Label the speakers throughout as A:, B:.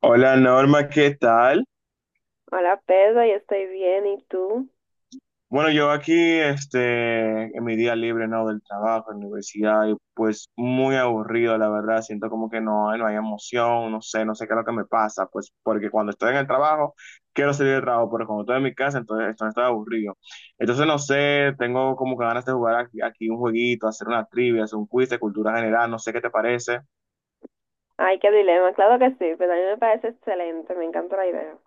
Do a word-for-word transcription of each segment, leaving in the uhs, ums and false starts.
A: Hola Norma, ¿qué tal?
B: Hola Pedro, yo estoy bien, ¿y tú?
A: Bueno, yo aquí, este, en mi día libre, ¿no? Del trabajo, en la universidad, y pues muy aburrido, la verdad. Siento como que no, no hay emoción, no sé, no sé qué es lo que me pasa, pues porque cuando estoy en el trabajo, quiero salir del trabajo, pero cuando estoy en mi casa, entonces, entonces estoy aburrido. Entonces, no sé, tengo como que ganas de jugar aquí, aquí un jueguito, hacer una trivia, hacer un quiz de cultura general, no sé qué te parece.
B: Ay, qué dilema, claro que sí, pero a mí me parece excelente, me encanta la idea.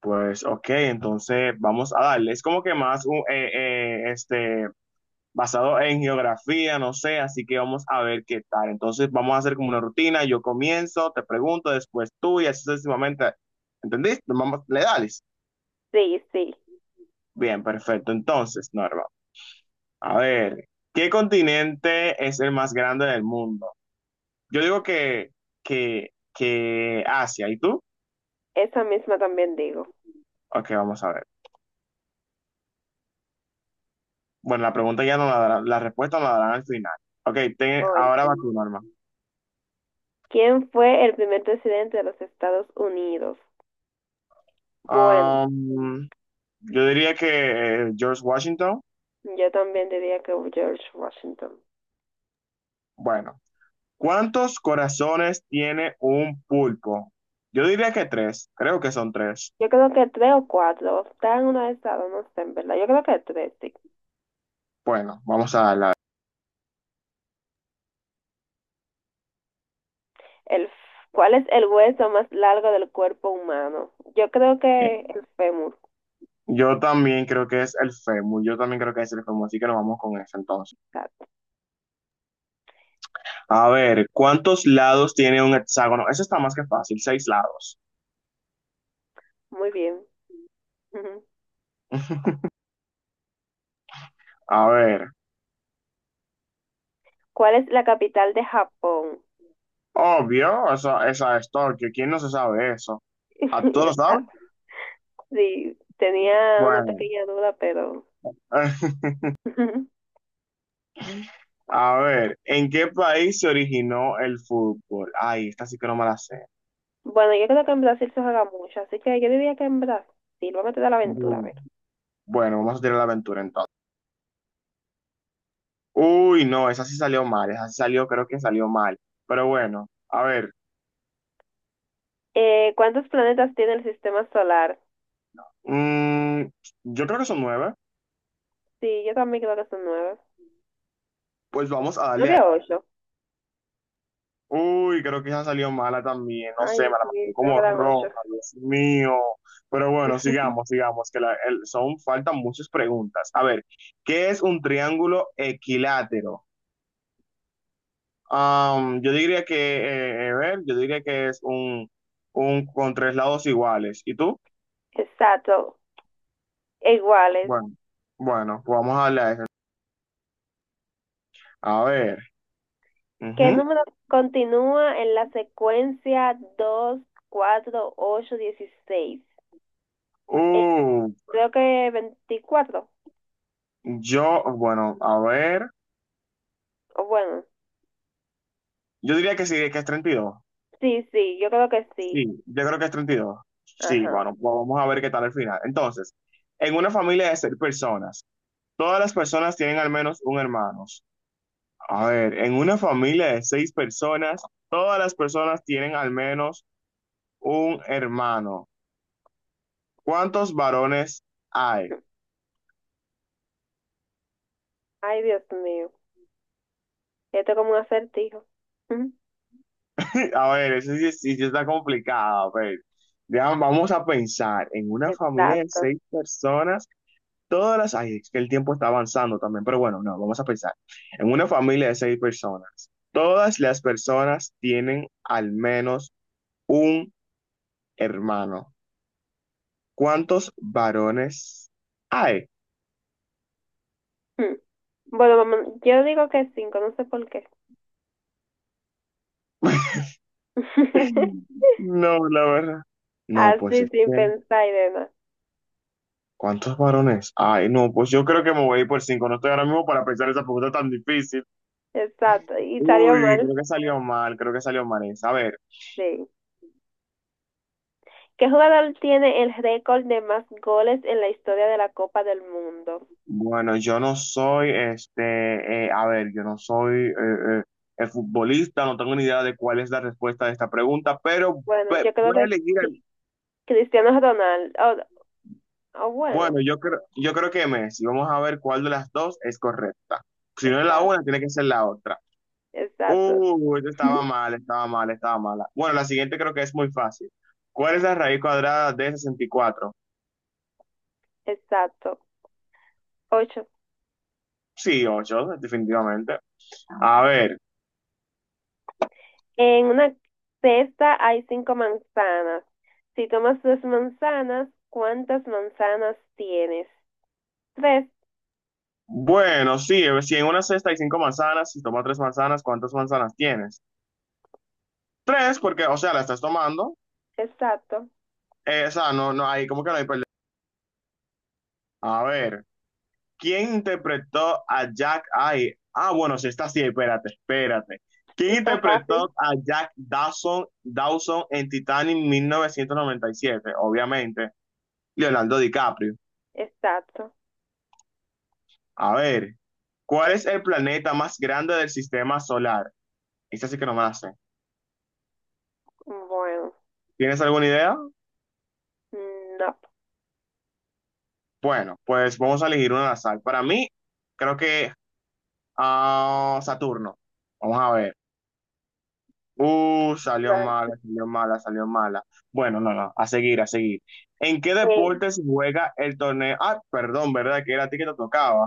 A: Pues, ok, entonces vamos a darle. Es como que más un, eh, eh, este basado en geografía, no sé, así que vamos a ver qué tal. Entonces vamos a hacer como una rutina, yo comienzo, te pregunto, después tú y así sucesivamente. ¿Entendiste? Vamos, le dales.
B: Sí, sí,
A: Bien, perfecto. Entonces, Norma, a ver, ¿qué continente es el más grande del mundo? Yo digo que, que, que Asia, ¿y tú?
B: esa misma también digo.
A: Ok, vamos a ver. Bueno, la pregunta ya no la darán, la respuesta no la darán al final. Ok, te-
B: Oh,
A: ahora va
B: entiendo.
A: tú, Norma.
B: ¿Quién fue el primer presidente de los Estados Unidos? Bueno,
A: Am, yo diría que eh, George Washington.
B: yo también diría que George Washington.
A: Bueno, ¿cuántos corazones tiene un pulpo? Yo diría que tres, creo que son tres.
B: Yo creo que tres o cuatro, están en uno de esas dos, no sé, en verdad, yo creo que tres, sí.
A: Bueno, vamos a la...
B: El, f- ¿Cuál es el hueso más largo del cuerpo humano? Yo creo que el fémur,
A: Yo también creo que es el fémur, yo también creo que es el fémur, así que nos vamos con eso entonces.
B: exacto.
A: A ver, ¿cuántos lados tiene un hexágono? Eso está más que fácil, seis lados.
B: Muy bien.
A: A ver,
B: ¿Cuál es la capital de Japón?
A: obvio, esa, esa es Tokio, ¿quién no se sabe eso? ¿A todos lo saben?
B: Exacto. Sí, tenía una
A: Bueno,
B: pequeña duda, pero...
A: a ver, ¿en qué país se originó el fútbol? Ay, esta sí que no me la sé.
B: Bueno, yo creo que en Brasil se juega mucho, así que yo diría que en Brasil. Vamos a meter la aventura, a
A: Bu-
B: ver.
A: Bueno, vamos a tirar la aventura entonces. Uy, no, esa sí salió mal, esa sí salió, creo que salió mal. Pero bueno, a ver,
B: Eh, ¿cuántos planetas tiene el sistema solar?
A: mm, yo creo que son nueve,
B: Sí, yo también creo que son nueve.
A: pues vamos a darle
B: ¿Nueve
A: a...
B: o ocho?
A: Uy, creo que esa salió mala también, no sé,
B: Ay,
A: me la
B: sí,
A: marcó
B: creo que
A: como
B: eran ocho.
A: roja, Dios mío. Pero bueno, sigamos, sigamos, que la- el- son, faltan muchas preguntas. A ver, ¿qué es un triángulo equilátero? Am, yo diría que, eh, eh, a ver, yo diría que es un, un con tres lados iguales. ¿Y tú?
B: Exacto, iguales.
A: Bueno, bueno, pues vamos a hablar de eso. A ver.
B: ¿Qué
A: Ujú.
B: número continúa en la secuencia dos, cuatro, ocho, dieciséis? Eh,
A: Uh,
B: Creo que veinticuatro.
A: yo, bueno, a ver.
B: O bueno,
A: Yo diría que sí, que es treinta y dos.
B: sí, sí, yo creo que sí.
A: Sí, yo creo que es treinta y dos. Sí,
B: Ajá.
A: bueno, pues vamos a ver qué tal al final. Entonces, en una familia de seis personas, todas las personas tienen al menos un hermano. A ver, en una familia de seis personas, todas las personas tienen al menos un hermano. ¿Cuántos varones hay?
B: Ay, Dios mío. Esto es como un acertijo. Mm.
A: A ver, eso sí, sí- sí está complicado. A ver, ya, vamos a pensar en una familia de
B: Exacto.
A: seis personas, todas las... Ay, es que el tiempo está avanzando también, pero bueno, no, vamos a pensar. En una familia de seis personas, todas las personas tienen al menos un hermano. ¿Cuántos varones hay?
B: Mm. Bueno, vamos, yo digo que cinco, no sé por qué.
A: No, la verdad. No, pues
B: Así
A: es
B: sin
A: que,
B: pensar y demás.
A: ¿cuántos varones? Ay, no, pues yo creo que me voy a ir por cinco. No estoy ahora mismo para pensar esa pregunta tan difícil.
B: Exacto. Y salió
A: Uy, creo
B: mal.
A: que salió mal, creo que salió mal esa. A ver,
B: Sí. ¿Qué jugador tiene el récord de más goles en la historia de la Copa del Mundo?
A: bueno, yo no soy, este, eh, a ver, yo no soy eh, eh, eh, futbolista, no tengo ni idea de cuál es la respuesta de esta pregunta, pero
B: Bueno,
A: ve-
B: yo creo
A: voy a
B: que
A: elegir,
B: Cri-
A: el-
B: Cristiano Ronaldo. Oh, oh,
A: bueno,
B: bueno.
A: yo creo, yo creo que Messi, vamos a ver cuál de las dos es correcta. Si no es la
B: Exacto.
A: una, tiene que ser la otra.
B: Exacto.
A: Uy, esto estaba
B: Ujú.
A: mal, estaba mal, estaba mala. Bueno, la siguiente creo que es muy fácil. ¿Cuál es la raíz cuadrada de sesenta y cuatro?
B: Exacto. Ocho.
A: Sí, ocho definitivamente. A ver.
B: En una cesta hay cinco manzanas. Si tomas dos manzanas, ¿cuántas manzanas tienes? Tres.
A: Bueno, sí, eh, si en una cesta hay cinco manzanas, si tomas tres manzanas, ¿cuántas manzanas tienes? Tres, porque, o sea, la estás tomando.
B: Exacto.
A: Eh, o sea, no, no, hay como que no hay perdón. A ver, ¿quién interpretó a Jack? Ay, ah, bueno, sí, está sí, espérate, espérate. ¿Quién
B: Está fácil.
A: interpretó a Jack Dawson, Dawson en Titanic mil novecientos noventa y siete? Obviamente, Leonardo DiCaprio.
B: Exacto.
A: A ver, ¿cuál es el planeta más grande del sistema solar? Esa sí que no me la sé.
B: Bueno,
A: ¿Tienes alguna idea?
B: no.
A: Bueno, pues vamos a elegir una al azar. Para mí, creo que ah, Saturno. Vamos a ver. Uh, salió mala,
B: Mal.
A: salió mala, salió mala. Bueno, no, no, a seguir, a seguir. ¿En qué
B: Eh,
A: deporte se juega el torneo? Ah, perdón, ¿verdad? Que era a ti que te tocaba.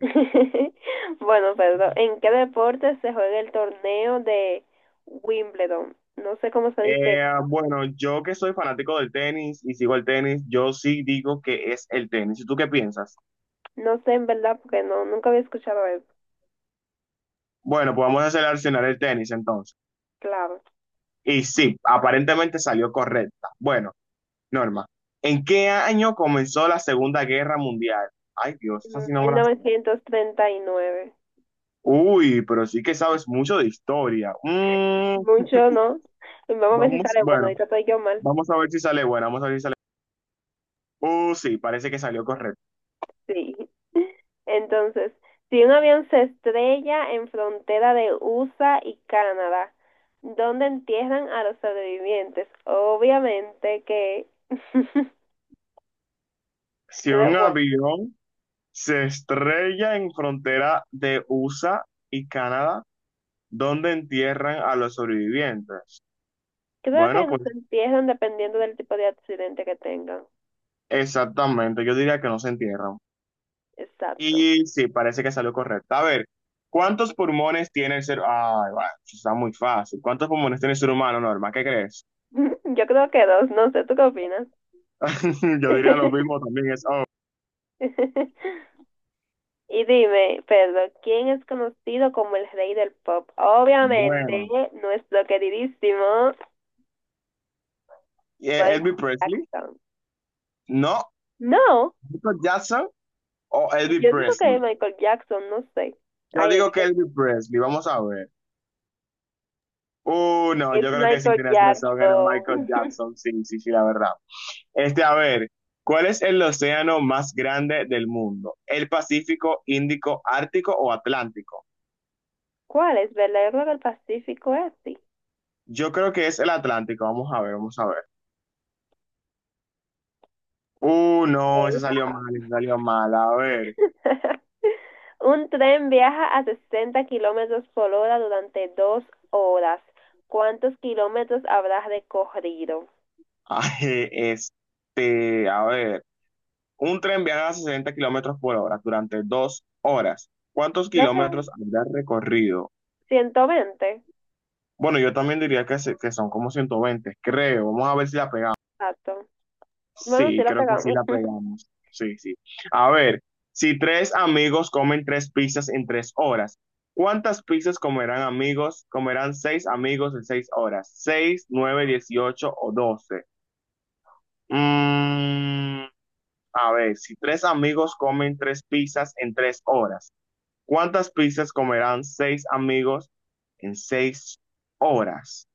B: Bueno, perdón. ¿En qué deporte se juega el torneo de Wimbledon? No sé cómo se dice.
A: Eh, bueno, yo que soy fanático del tenis y sigo el tenis, yo sí digo que es el tenis. ¿Y tú qué piensas?
B: No sé en verdad porque no, nunca había escuchado eso.
A: Bueno, pues vamos a seleccionar el tenis entonces.
B: Claro.
A: Y sí, aparentemente salió correcta. Bueno. Norma, ¿en qué año comenzó la Segunda Guerra Mundial? Ay, Dios, esa
B: En
A: sí no me
B: mil
A: la sé.
B: novecientos treinta y nueve.
A: Uy, pero sí que sabes mucho de historia. Mm,
B: Mucho, ¿no? Vamos a ver si
A: vamos,
B: sale bueno,
A: bueno,
B: ahorita estoy yo mal.
A: vamos a ver si sale buena, vamos a ver si sale. Uh, sí, parece que salió correcto.
B: Sí. Entonces, si un avión se estrella en frontera de U S A y Canadá, ¿dónde entierran a los sobrevivientes? Obviamente que,
A: Si un
B: creo, bueno,
A: avión se estrella en frontera de U S A y Canadá, ¿dónde entierran a los sobrevivientes?
B: creo que
A: Bueno,
B: nos
A: pues
B: entierran dependiendo del tipo de accidente que tengan.
A: exactamente, yo diría que no se entierran.
B: Exacto.
A: Y sí, parece que salió correcto. A ver, ¿cuántos pulmones tiene el ser humano? Ay, va, eso está muy fácil. ¿Cuántos pulmones tiene el ser humano, Norma? ¿Qué crees?
B: Yo creo que dos, no sé, ¿tú qué opinas?
A: Yo diría lo mismo también. Es, oh,
B: Y dime, Pedro, ¿quién es conocido como el rey del pop? Obviamente,
A: bueno.
B: nuestro queridísimo
A: Eh,
B: Michael
A: ¿Elvis Presley?
B: Jackson.
A: No.
B: No,
A: ¿Michael Jackson o Elvis
B: yo digo que es
A: Presley?
B: Michael Jackson, no sé.
A: Yo
B: Ay,
A: digo que
B: disculpe.
A: Elvis Presley. Vamos a ver. Uh, no,
B: Es
A: yo creo que sin
B: Michael
A: tener razón era Michael
B: Jackson.
A: Jackson. Sí, sí, sí, la verdad. Este, a ver, ¿cuál es el océano más grande del mundo? ¿El Pacífico, Índico, Ártico o Atlántico?
B: ¿Cuál es? ¿Verdad? Yo creo que el Pacífico es así.
A: Yo creo que es el Atlántico. Vamos a ver, vamos a ver. Uh, no, ese
B: Lol,
A: salió
B: jaja.
A: mal, ese salió mal. A ver.
B: Un tren viaja a sesenta kilómetros por hora durante dos horas. ¿Cuántos kilómetros habrás recorrido?
A: Ay, este, a ver. Un tren viaja a sesenta kilómetros por hora durante dos horas. ¿Cuántos
B: Creo que
A: kilómetros habrá recorrido?
B: ciento veinte.
A: Bueno, yo también diría que, se- que son como ciento veinte, creo. Vamos a ver si la pegamos.
B: Exacto. Bueno, sí
A: Sí,
B: la
A: creo que sí
B: pegamos.
A: la pegamos. Sí, sí. A ver, si tres amigos comen tres pizzas en tres horas, ¿cuántas pizzas comerán amigos? Comerán seis amigos en seis horas. ¿Seis, nueve, dieciocho o doce? Mm, a ver, si tres amigos comen tres pizzas en tres horas, ¿cuántas pizzas comerán seis amigos en seis horas?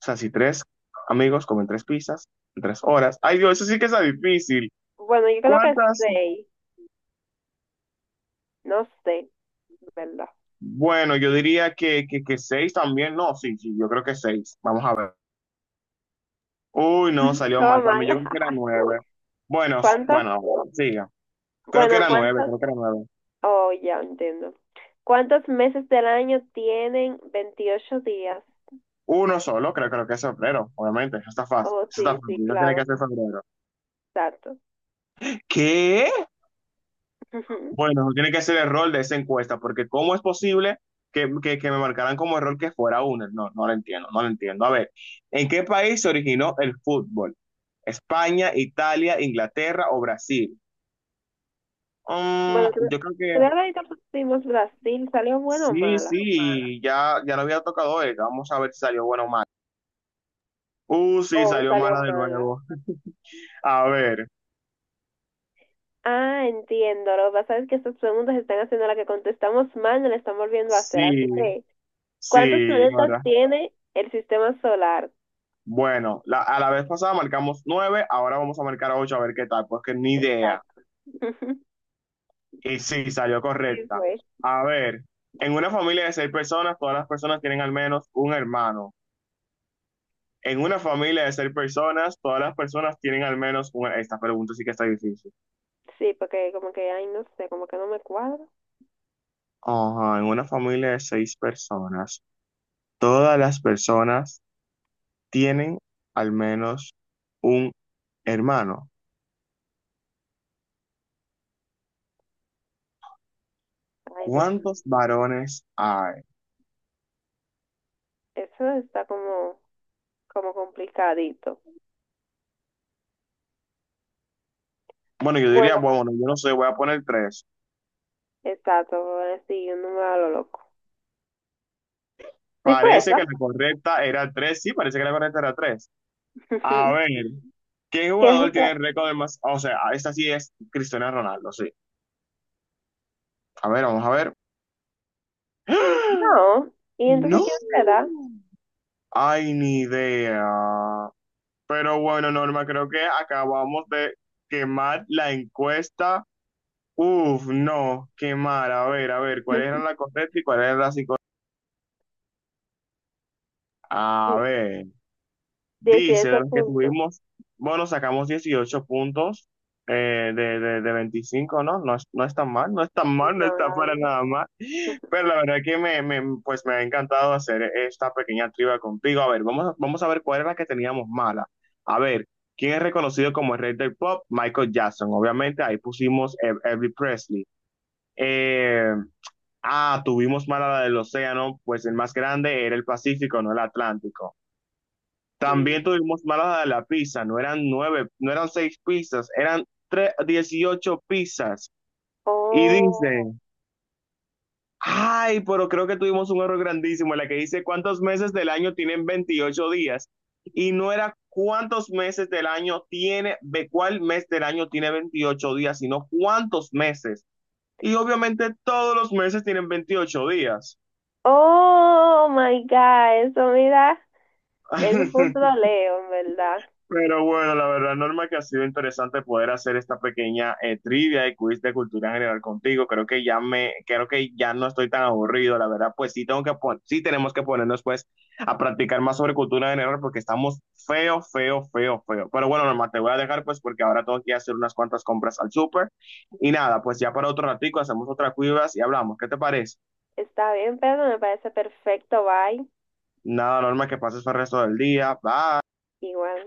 A: O sea, si tres amigos comen tres pizzas en tres horas. Ay, Dios, eso sí que está difícil.
B: Bueno, yo creo que
A: ¿Cuántas?
B: seis. No sé, ¿verdad?
A: Bueno, yo diría que, que, que seis también. No, sí, sí, yo creo que seis. Vamos a ver. Uy, no, salió mal.
B: Todo
A: Para mí
B: mal.
A: yo creo que era nueve. Bueno, s-
B: ¿Cuántos?
A: bueno, siga. Creo que
B: Bueno,
A: era nueve,
B: ¿cuántos?
A: creo que era nueve.
B: Oh, ya entiendo. ¿Cuántos meses del año tienen veintiocho días?
A: Uno solo, creo, creo que es febrero, obviamente. Eso está fácil.
B: Oh,
A: Eso está
B: sí, sí,
A: fácil. No tiene que
B: claro.
A: ser febrero.
B: Exacto.
A: ¿Qué? Bueno, tiene que ser el rol de esa encuesta, porque ¿cómo es posible que, que, que me marcaran como error que fuera uno? No, no lo entiendo, no lo entiendo. A ver, ¿en qué país se originó el fútbol? ¿España, Italia, Inglaterra o Brasil? Mm,
B: Bueno, creo,
A: yo creo que
B: creo que ahorita pusimos Brasil. ¿Salió buena o
A: sí,
B: mala?
A: sí, ya, ya no había tocado esta. Vamos a ver si salió buena o mala. Uh, sí,
B: Oh,
A: salió
B: salió
A: mala de
B: mala.
A: nuevo. A ver,
B: Ah, entiendo. Lo que pasa es que estas preguntas están haciendo la que contestamos mal, no la están volviendo a hacer.
A: sí,
B: Así que ¿cuántos
A: sí, la
B: planetas
A: verdad.
B: tiene el sistema solar?
A: Bueno, la- a la vez pasada marcamos nueve, ahora vamos a marcar ocho a ver qué tal, porque ni idea.
B: Exacto.
A: Y sí, salió
B: Sí,
A: correcta.
B: güey.
A: A ver, en una familia de seis personas, todas las personas tienen al menos un hermano. En una familia de seis personas, todas las personas tienen al menos un... Esta pregunta sí que está difícil.
B: Sí, porque como que, ay, no sé, como que no me cuadra.
A: Ajá, en una familia de seis personas, todas las personas tienen al menos un hermano.
B: Ay, Dios mío.
A: ¿Cuántos varones hay?
B: Eso está como, como complicadito.
A: Bueno, yo diría,
B: Bueno,
A: bueno, bueno, yo no sé, voy a poner tres.
B: exacto, ahora sí, un número a lo loco. Sí fue
A: Parece que la
B: esa.
A: correcta era tres, sí, parece que la correcta era tres. A ver, ¿qué
B: ¿Qué es
A: jugador
B: usted?
A: tiene el récord de más? O sea, esta sí es Cristiano Ronaldo, sí. A ver, vamos a ver.
B: No. ¿Y entonces
A: ¡No!
B: quién será?
A: Ay, ni idea. Pero bueno, Norma, creo que acabamos de quemar la encuesta. Uf, no, quemar. A ver, a ver, ¿cuál era la correcta y cuál era la psicológica? A ver, dice, de
B: dieciocho
A: las que
B: puntos.
A: tuvimos, bueno, sacamos dieciocho puntos eh, de, de, de veinticinco, ¿no? No es, no es tan mal, no es tan mal, no
B: No,
A: está
B: la
A: para nada
B: verdad.
A: mal. Pero la verdad que me, me, pues me ha encantado hacer esta pequeña trivia contigo. A ver, vamos, vamos a ver cuál era la que teníamos mala. A ver, ¿quién es reconocido como el rey del pop? Michael Jackson. Obviamente, ahí pusimos Ev- Elvis Presley. Eh, ah, tuvimos mala la del océano, pues el más grande era el Pacífico, no el Atlántico.
B: Sí.
A: También tuvimos mala la de la pizza, no eran nueve, no eran seis pizzas, eran tres, dieciocho pizzas. Y dice...
B: Oh.
A: Ay, pero creo que tuvimos un error grandísimo en la que dice cuántos meses del año tienen veintiocho días y no era cuántos meses del año tiene, de cuál mes del año tiene veintiocho días, sino cuántos meses. Y obviamente todos los meses tienen veintiocho días.
B: Oh my God, eso mira. Es un punto lo leo, en verdad.
A: Pero bueno, la verdad, Norma, que ha sido interesante poder hacer esta pequeña eh, trivia y quiz de cultura general contigo. Creo que ya me, creo que ya no estoy tan aburrido, la verdad, pues sí tengo que pon- sí tenemos que ponernos pues a practicar más sobre cultura general porque estamos feo, feo, feo, feo. Pero bueno, Norma, te voy a dejar pues porque ahora tengo que hacer unas cuantas compras al súper. Y nada, pues ya para otro ratico hacemos otra cuivas y hablamos. ¿Qué te parece?
B: Está bien, Pedro, me parece perfecto. Bye.
A: Nada, Norma, que pases el resto del día. Bye.
B: Igual.